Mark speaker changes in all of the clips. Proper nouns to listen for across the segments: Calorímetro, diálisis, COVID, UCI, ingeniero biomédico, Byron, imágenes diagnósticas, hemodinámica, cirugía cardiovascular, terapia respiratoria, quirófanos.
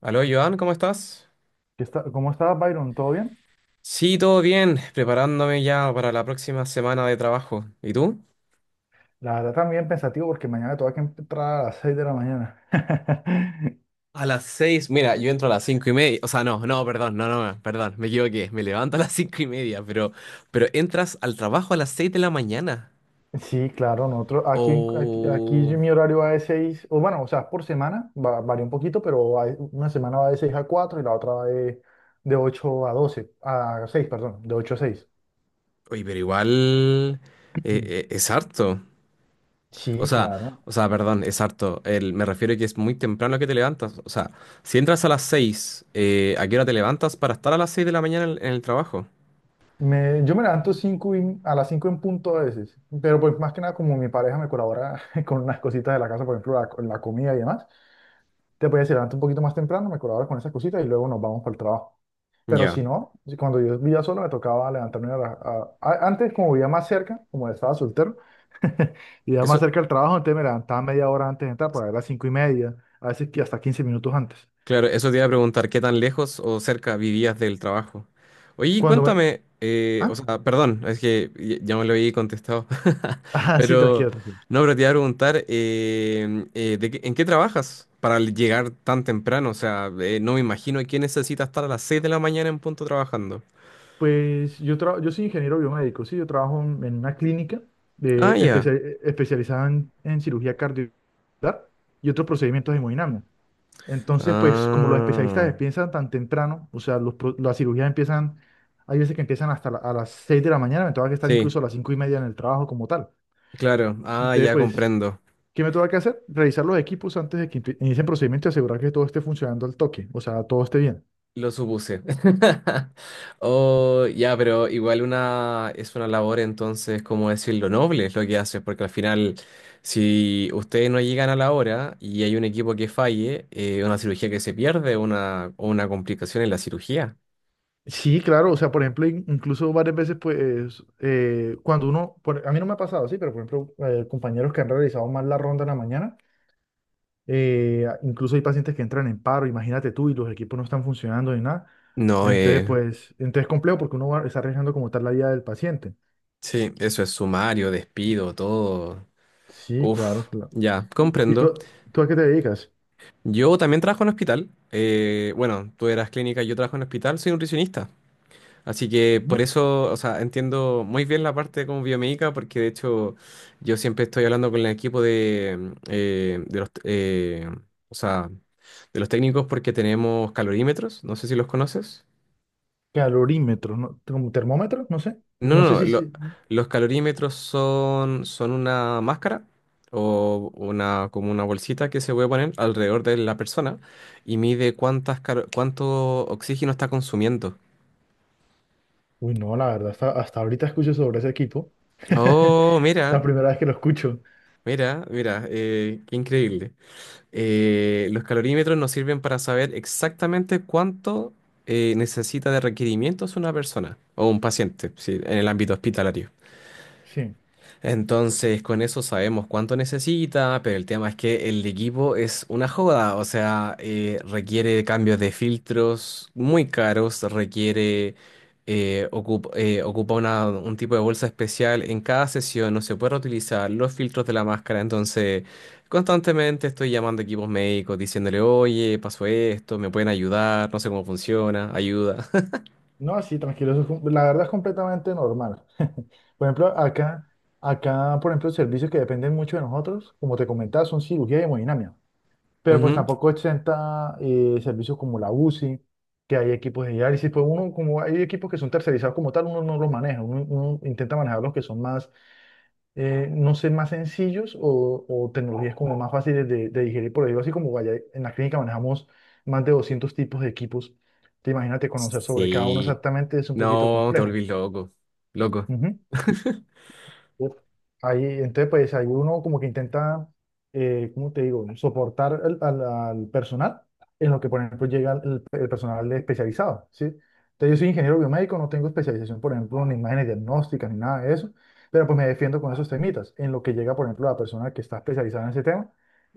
Speaker 1: Aló, Joan, ¿cómo estás?
Speaker 2: ¿Cómo estás, Byron? ¿Todo bien?
Speaker 1: Sí, todo bien, preparándome ya para la próxima semana de trabajo. ¿Y tú?
Speaker 2: La verdad también pensativo porque mañana tengo que entrar a las 6 de la mañana.
Speaker 1: A las seis, mira, yo entro a las 5:30, o sea, no, no, perdón, no, no, no, perdón, me equivoqué, me levanto a las 5:30, pero entras al trabajo a las seis de la mañana.
Speaker 2: Sí, claro, nosotros aquí, aquí
Speaker 1: O...
Speaker 2: mi horario va de 6 o bueno, o sea, por semana, varía un poquito, pero una semana va de 6 a 4 y la otra va de 8 a 12 a seis, perdón, de 8 a seis.
Speaker 1: Oye, pero igual,
Speaker 2: Ujú.
Speaker 1: es harto, o
Speaker 2: Sí,
Speaker 1: sea,
Speaker 2: claro.
Speaker 1: o sea, perdón, es harto, me refiero a que es muy temprano que te levantas, o sea, si entras a las seis, ¿a qué hora te levantas para estar a las seis de la mañana en el trabajo?
Speaker 2: Yo me levanto a las 5 en punto a veces, pero pues más que nada como mi pareja me colabora con unas cositas de la casa, por ejemplo, la comida y demás. Te podías levantar un poquito más temprano, me colabora con esas cositas y luego nos vamos para el trabajo. Pero
Speaker 1: Ya.
Speaker 2: si no, cuando yo vivía solo me tocaba levantarme a la- a- antes, como vivía más cerca, como estaba soltero, vivía más
Speaker 1: Eso,
Speaker 2: cerca del trabajo, entonces me levantaba media hora antes de entrar, para las 5:30, a veces que hasta 15 minutos antes.
Speaker 1: claro, eso te iba a preguntar, ¿qué tan lejos o cerca vivías del trabajo? Oye, y
Speaker 2: Cuando me...
Speaker 1: cuéntame, o
Speaker 2: ¿Ah?
Speaker 1: sea, perdón, es que ya me lo había contestado.
Speaker 2: Ah, sí,
Speaker 1: Pero
Speaker 2: tranquilo, tranquilo.
Speaker 1: no, pero te iba a preguntar, en qué trabajas para llegar tan temprano? O sea, no me imagino que necesitas estar a las seis de la mañana en punto trabajando.
Speaker 2: Pues yo soy ingeniero biomédico, sí, yo trabajo en una clínica
Speaker 1: Ah,
Speaker 2: de
Speaker 1: ya.
Speaker 2: especia- especializada en cirugía cardiovascular y otros procedimientos hemodinámicos. Entonces, pues como los especialistas
Speaker 1: Ah,
Speaker 2: empiezan tan temprano, o sea, las cirugías empiezan, hay veces que empiezan hasta a las 6 de la mañana, me tengo que estar
Speaker 1: sí,
Speaker 2: incluso a las 5:30 en el trabajo como tal.
Speaker 1: claro. Ah,
Speaker 2: Entonces,
Speaker 1: ya
Speaker 2: pues,
Speaker 1: comprendo.
Speaker 2: ¿qué me tengo que hacer? Revisar los equipos antes de que inicien procedimiento y asegurar que todo esté funcionando al toque, o sea, todo esté bien.
Speaker 1: Lo supuse. Oh, ya, pero igual una es una labor entonces, como decirlo, noble es lo que haces, porque al final, si ustedes no llegan a la hora y hay un equipo que falle, una cirugía que se pierde, o una complicación en la cirugía.
Speaker 2: Sí, claro, o sea, por ejemplo, incluso varias veces, pues, cuando uno, a mí no me ha pasado, sí, pero por ejemplo, compañeros que han realizado mal la ronda en la mañana. Incluso hay pacientes que entran en paro, imagínate tú, y los equipos no están funcionando ni nada.
Speaker 1: No,
Speaker 2: Entonces, pues, entonces es complejo porque uno va, está arriesgando como tal la vida del paciente.
Speaker 1: sí, eso es sumario, despido, todo.
Speaker 2: Sí,
Speaker 1: Uf,
Speaker 2: claro, claro.
Speaker 1: ya,
Speaker 2: ¿Y
Speaker 1: comprendo.
Speaker 2: tú a qué te dedicas?
Speaker 1: Yo también trabajo en hospital. Bueno, tú eras clínica, yo trabajo en hospital, soy nutricionista. Así que por
Speaker 2: Ujú.
Speaker 1: eso, o sea, entiendo muy bien la parte como biomédica, porque de hecho yo siempre estoy hablando con el equipo de, mm, de los, o sea, de los técnicos, porque tenemos calorímetros, no sé si los conoces.
Speaker 2: Calorímetro, ¿no? ¿Como termómetro? No sé.
Speaker 1: No, no,
Speaker 2: No sé
Speaker 1: no,
Speaker 2: si,
Speaker 1: lo-
Speaker 2: si-
Speaker 1: Los calorímetros son una máscara o una, como una bolsita que se puede poner alrededor de la persona y mide cuánto oxígeno está consumiendo.
Speaker 2: Uy, no, la verdad, hasta ahorita escucho sobre ese equipo.
Speaker 1: Oh,
Speaker 2: La
Speaker 1: mira,
Speaker 2: primera vez que lo escucho.
Speaker 1: mira, mira, qué increíble. Los calorímetros nos sirven para saber exactamente cuánto necesita de requerimientos una persona o un paciente, sí, en el ámbito hospitalario.
Speaker 2: Sí.
Speaker 1: Entonces, con eso sabemos cuánto necesita, pero el tema es que el equipo es una joda, o sea, requiere cambios de filtros muy caros, requiere, ocupa un tipo de bolsa especial en cada sesión, no se puede reutilizar los filtros de la máscara, entonces constantemente estoy llamando a equipos médicos diciéndole, oye, pasó esto, me pueden ayudar, no sé cómo funciona, ayuda.
Speaker 2: No, sí, tranquilo, eso es la verdad es completamente normal. Por ejemplo, acá, por ejemplo, servicios que dependen mucho de nosotros, como te comentaba, son cirugía y hemodinámica, pero pues
Speaker 1: Ujú.
Speaker 2: tampoco exenta servicios como la UCI, que hay equipos de diálisis, pues uno, como hay equipos que son tercerizados como tal, uno no los maneja, uno intenta manejar los que son más no sé, más sencillos o tecnologías como más fáciles de digerir. Por ejemplo, así como vaya, en la clínica manejamos más de 200 tipos de equipos. Te imagínate conocer sobre cada uno
Speaker 1: Sí,
Speaker 2: exactamente es un poquito
Speaker 1: no, te
Speaker 2: complejo.
Speaker 1: volvís loco, loco.
Speaker 2: Ujú. Uf. Ahí, entonces, pues ahí uno como que intenta, ¿cómo te digo?, soportar al personal en lo que, por ejemplo, llega el personal especializado, ¿sí? Entonces, yo soy ingeniero biomédico, no tengo especialización, por ejemplo, en imágenes diagnósticas ni nada de eso, pero pues me defiendo con esos temitas, en lo que llega, por ejemplo, la persona que está especializada en ese tema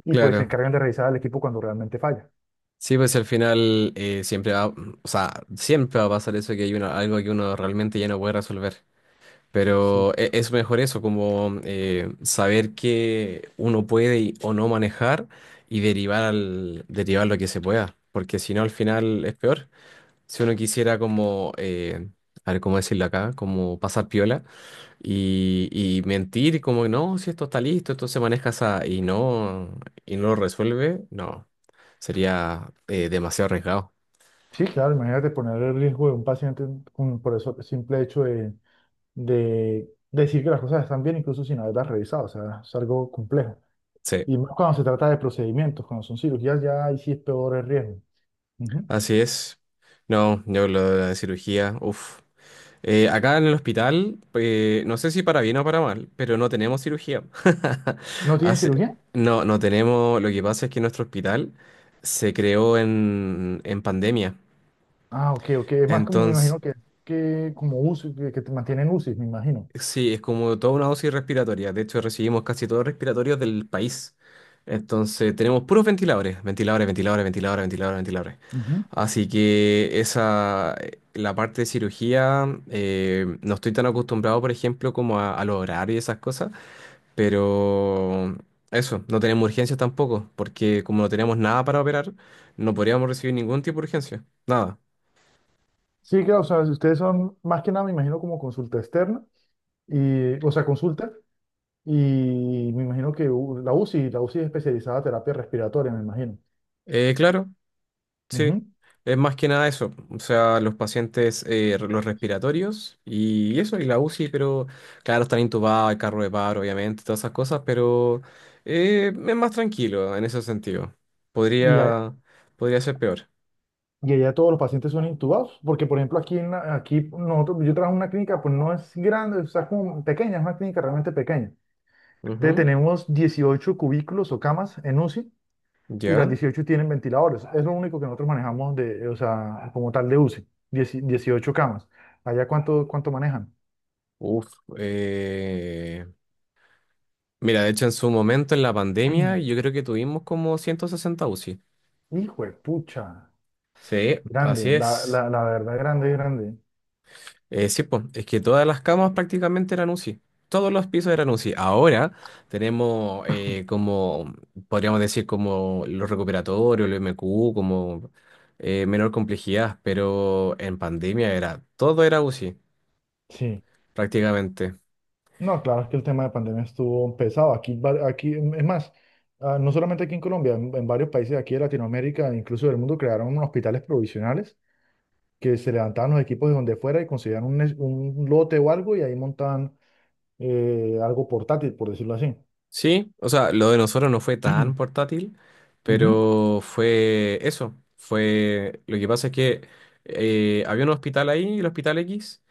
Speaker 2: y pues se
Speaker 1: Claro.
Speaker 2: encargan de revisar al equipo cuando realmente falla.
Speaker 1: Sí, pues al final, o sea, siempre va a pasar eso, que hay algo que uno realmente ya no puede resolver.
Speaker 2: Sí,
Speaker 1: Pero es mejor eso, como saber que uno puede o no manejar y derivar derivar lo que se pueda. Porque si no, al final es peor. Si uno quisiera como, a ver cómo decirlo acá, como pasar piola y mentir, como no, si esto está listo, esto se maneja así, y no lo resuelve, no. Sería demasiado arriesgado.
Speaker 2: Sí, claro, imagínate poner el riesgo de un paciente por eso simple hecho de decir que las cosas están bien incluso sin haberlas revisado, o sea, es algo complejo.
Speaker 1: Sí,
Speaker 2: Y más cuando se trata de procedimientos, cuando son cirugías, ya ahí sí es peor el riesgo. Ujú.
Speaker 1: así es. No, yo lo de la cirugía, uff. Acá en el hospital, no sé si para bien o para mal, pero no tenemos cirugía.
Speaker 2: ¿No tienen
Speaker 1: Así-
Speaker 2: cirugía?
Speaker 1: no, no tenemos. Lo que pasa es que nuestro hospital se creó en pandemia.
Speaker 2: Ah, ok, ok, es más como me
Speaker 1: Entonces,
Speaker 2: imagino que como UCI, que te mantienen UCI, me imagino.
Speaker 1: Sí, es como toda una dosis respiratoria. De hecho, recibimos casi todos los respiratorios del país. Entonces, tenemos puros ventiladores, ventiladores, ventiladores, ventiladores, ventiladores, ventiladores.
Speaker 2: Ujú.
Speaker 1: Así que la parte de cirugía, no estoy tan acostumbrado, por ejemplo, como a los horarios y esas cosas, pero eso, no tenemos urgencias tampoco, porque como no tenemos nada para operar, no podríamos recibir ningún tipo de urgencia, nada.
Speaker 2: Sí, claro, o sea, si ustedes son más que nada, me imagino, como consulta externa, y, o sea, consulta, y me imagino que la UCI es especializada en terapia respiratoria, me imagino.
Speaker 1: Claro. Sí,
Speaker 2: Ujú.
Speaker 1: es más que nada eso, o sea, los pacientes, los respiratorios y eso, y la UCI, pero claro, están intubados, hay carro de paro, obviamente, todas esas cosas, pero es más tranquilo en ese sentido.
Speaker 2: Y, a-
Speaker 1: Podría, podría ser peor.
Speaker 2: Y allá todos los pacientes son intubados, porque por ejemplo aquí, aquí nosotros, yo trabajo en una clínica, pues no es grande, o sea, es como pequeña, es una clínica realmente pequeña. Entonces
Speaker 1: Ujú.
Speaker 2: tenemos 18 cubículos o camas en UCI y las
Speaker 1: Ya.
Speaker 2: 18 tienen ventiladores. Es lo único que nosotros manejamos de, o sea, como tal de UCI, 18 camas. ¿Allá cuánto manejan?
Speaker 1: Uf. eh, Mira, de hecho, en su momento, en la pandemia, yo creo que tuvimos como 160 UCI.
Speaker 2: Hijo de pucha,
Speaker 1: Sí, así
Speaker 2: grande, la,
Speaker 1: es.
Speaker 2: la, la verdad, grande, grande.
Speaker 1: Sí, pues, es que todas las camas prácticamente eran UCI. Todos los pisos eran UCI. Ahora tenemos como, podríamos decir, como los recuperatorios, el MQ, como menor complejidad, pero en pandemia era, todo era UCI,
Speaker 2: Sí.
Speaker 1: prácticamente.
Speaker 2: No, claro, es que el tema de pandemia estuvo pesado. Aquí, aquí, es más, ah, no solamente aquí en Colombia, en varios países de aquí de Latinoamérica, incluso del mundo, crearon unos hospitales provisionales que se levantaban los equipos de donde fuera y conseguían un lote o algo y ahí montaban algo portátil, por decirlo así.
Speaker 1: Sí, o sea, lo de nosotros no fue tan portátil,
Speaker 2: Ujú.
Speaker 1: pero fue eso. Lo que pasa es que había un hospital ahí, el Hospital X,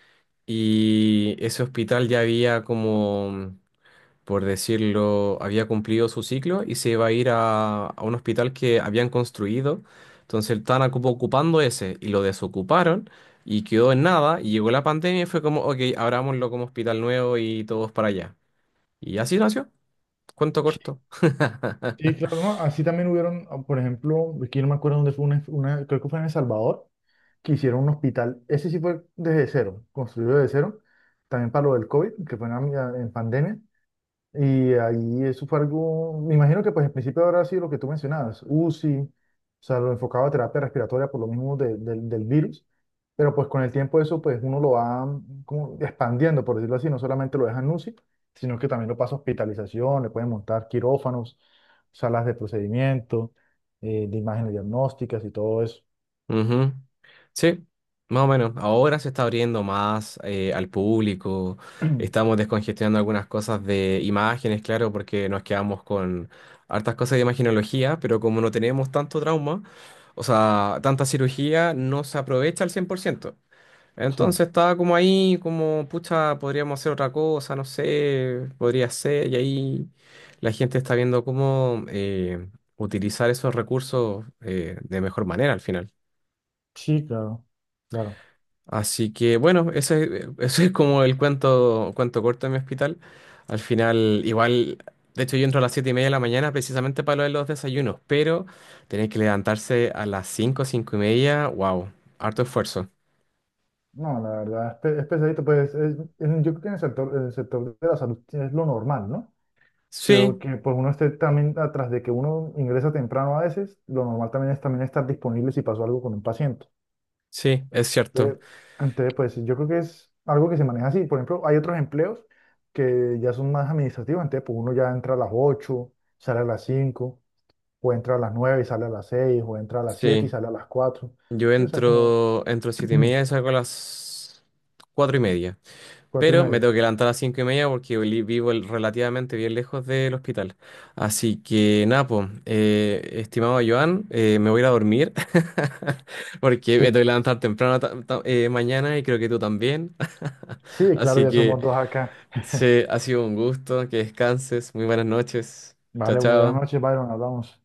Speaker 1: y ese hospital ya había, como por decirlo, había cumplido su ciclo y se iba a ir a un hospital que habían construido. Entonces estaban ocupando ese y lo desocuparon y quedó en nada. Y llegó la pandemia y fue como, ok, abrámoslo como hospital nuevo y todos para allá. Y así nació. Cuento corto.
Speaker 2: Sí, claro, ¿no? Así también hubieron, ah, por ejemplo, aquí no me acuerdo dónde fue, creo que fue en El Salvador, que hicieron un hospital, ese sí fue desde cero, construido desde cero, también para lo del COVID, que fue en pandemia. Y ahí eso fue algo, me imagino que pues en principio habrá sido lo que tú mencionabas, UCI, o sea, lo enfocado a terapia respiratoria por lo mismo del virus, pero pues con el tiempo eso pues uno lo va como expandiendo, por decirlo así, no solamente lo dejan UCI, sino que también lo pasa a hospitalización, le pueden montar quirófanos, salas de procedimiento, de imágenes diagnósticas y todo eso.
Speaker 1: Ujú. Sí, más o menos. Ahora se está abriendo más al público. Estamos descongestionando algunas cosas de imágenes, claro, porque nos quedamos con hartas cosas de imagenología, pero como no tenemos tanto trauma, o sea, tanta cirugía, no se aprovecha al 100%.
Speaker 2: Sí,
Speaker 1: Entonces estaba como ahí, como, pucha, podríamos hacer otra cosa, no sé, podría ser, y ahí la gente está viendo cómo utilizar esos recursos de mejor manera al final.
Speaker 2: sí, claro, claro.
Speaker 1: Así que bueno, ese es como cuento corto de mi hospital. Al final, igual, de hecho yo entro a las 7:30 de la mañana precisamente para lo de los desayunos, pero tener que levantarse a las 5, 5:30, wow, harto esfuerzo.
Speaker 2: No, la verdad es, es pesadito, pues yo creo que en el sector de la salud es lo normal, ¿no? Creo
Speaker 1: Sí,
Speaker 2: que pues uno esté también atrás de que uno ingresa temprano a veces, lo normal también es también estar disponible si pasó algo con un paciente.
Speaker 1: sí, es cierto.
Speaker 2: Entonces, entonces, pues yo creo que es algo que se maneja así. Por ejemplo, hay otros empleos que ya son más administrativos, entonces pues uno ya entra a las ocho, sale a las cinco, o entra a las 9 y sale a las seis, o entra a las 7 y
Speaker 1: Sí,
Speaker 2: sale a las cuatro.
Speaker 1: yo
Speaker 2: Sí, o sea, como
Speaker 1: entro, a las 7 y media y salgo a las 4:30.
Speaker 2: 4 y
Speaker 1: Pero me
Speaker 2: media.
Speaker 1: tengo que levantar a las 5:30 porque vivo relativamente bien lejos del hospital. Así que nada, po, estimado Joan, me voy a ir a dormir porque me
Speaker 2: Sí,
Speaker 1: tengo que levantar temprano mañana, y creo que tú también.
Speaker 2: sí, claro,
Speaker 1: Así
Speaker 2: ya
Speaker 1: que
Speaker 2: somos dos acá.
Speaker 1: se ha sido un gusto, que descanses, muy buenas noches. Chao,
Speaker 2: Vale, buenas noches,
Speaker 1: chao.
Speaker 2: Byron, hablamos.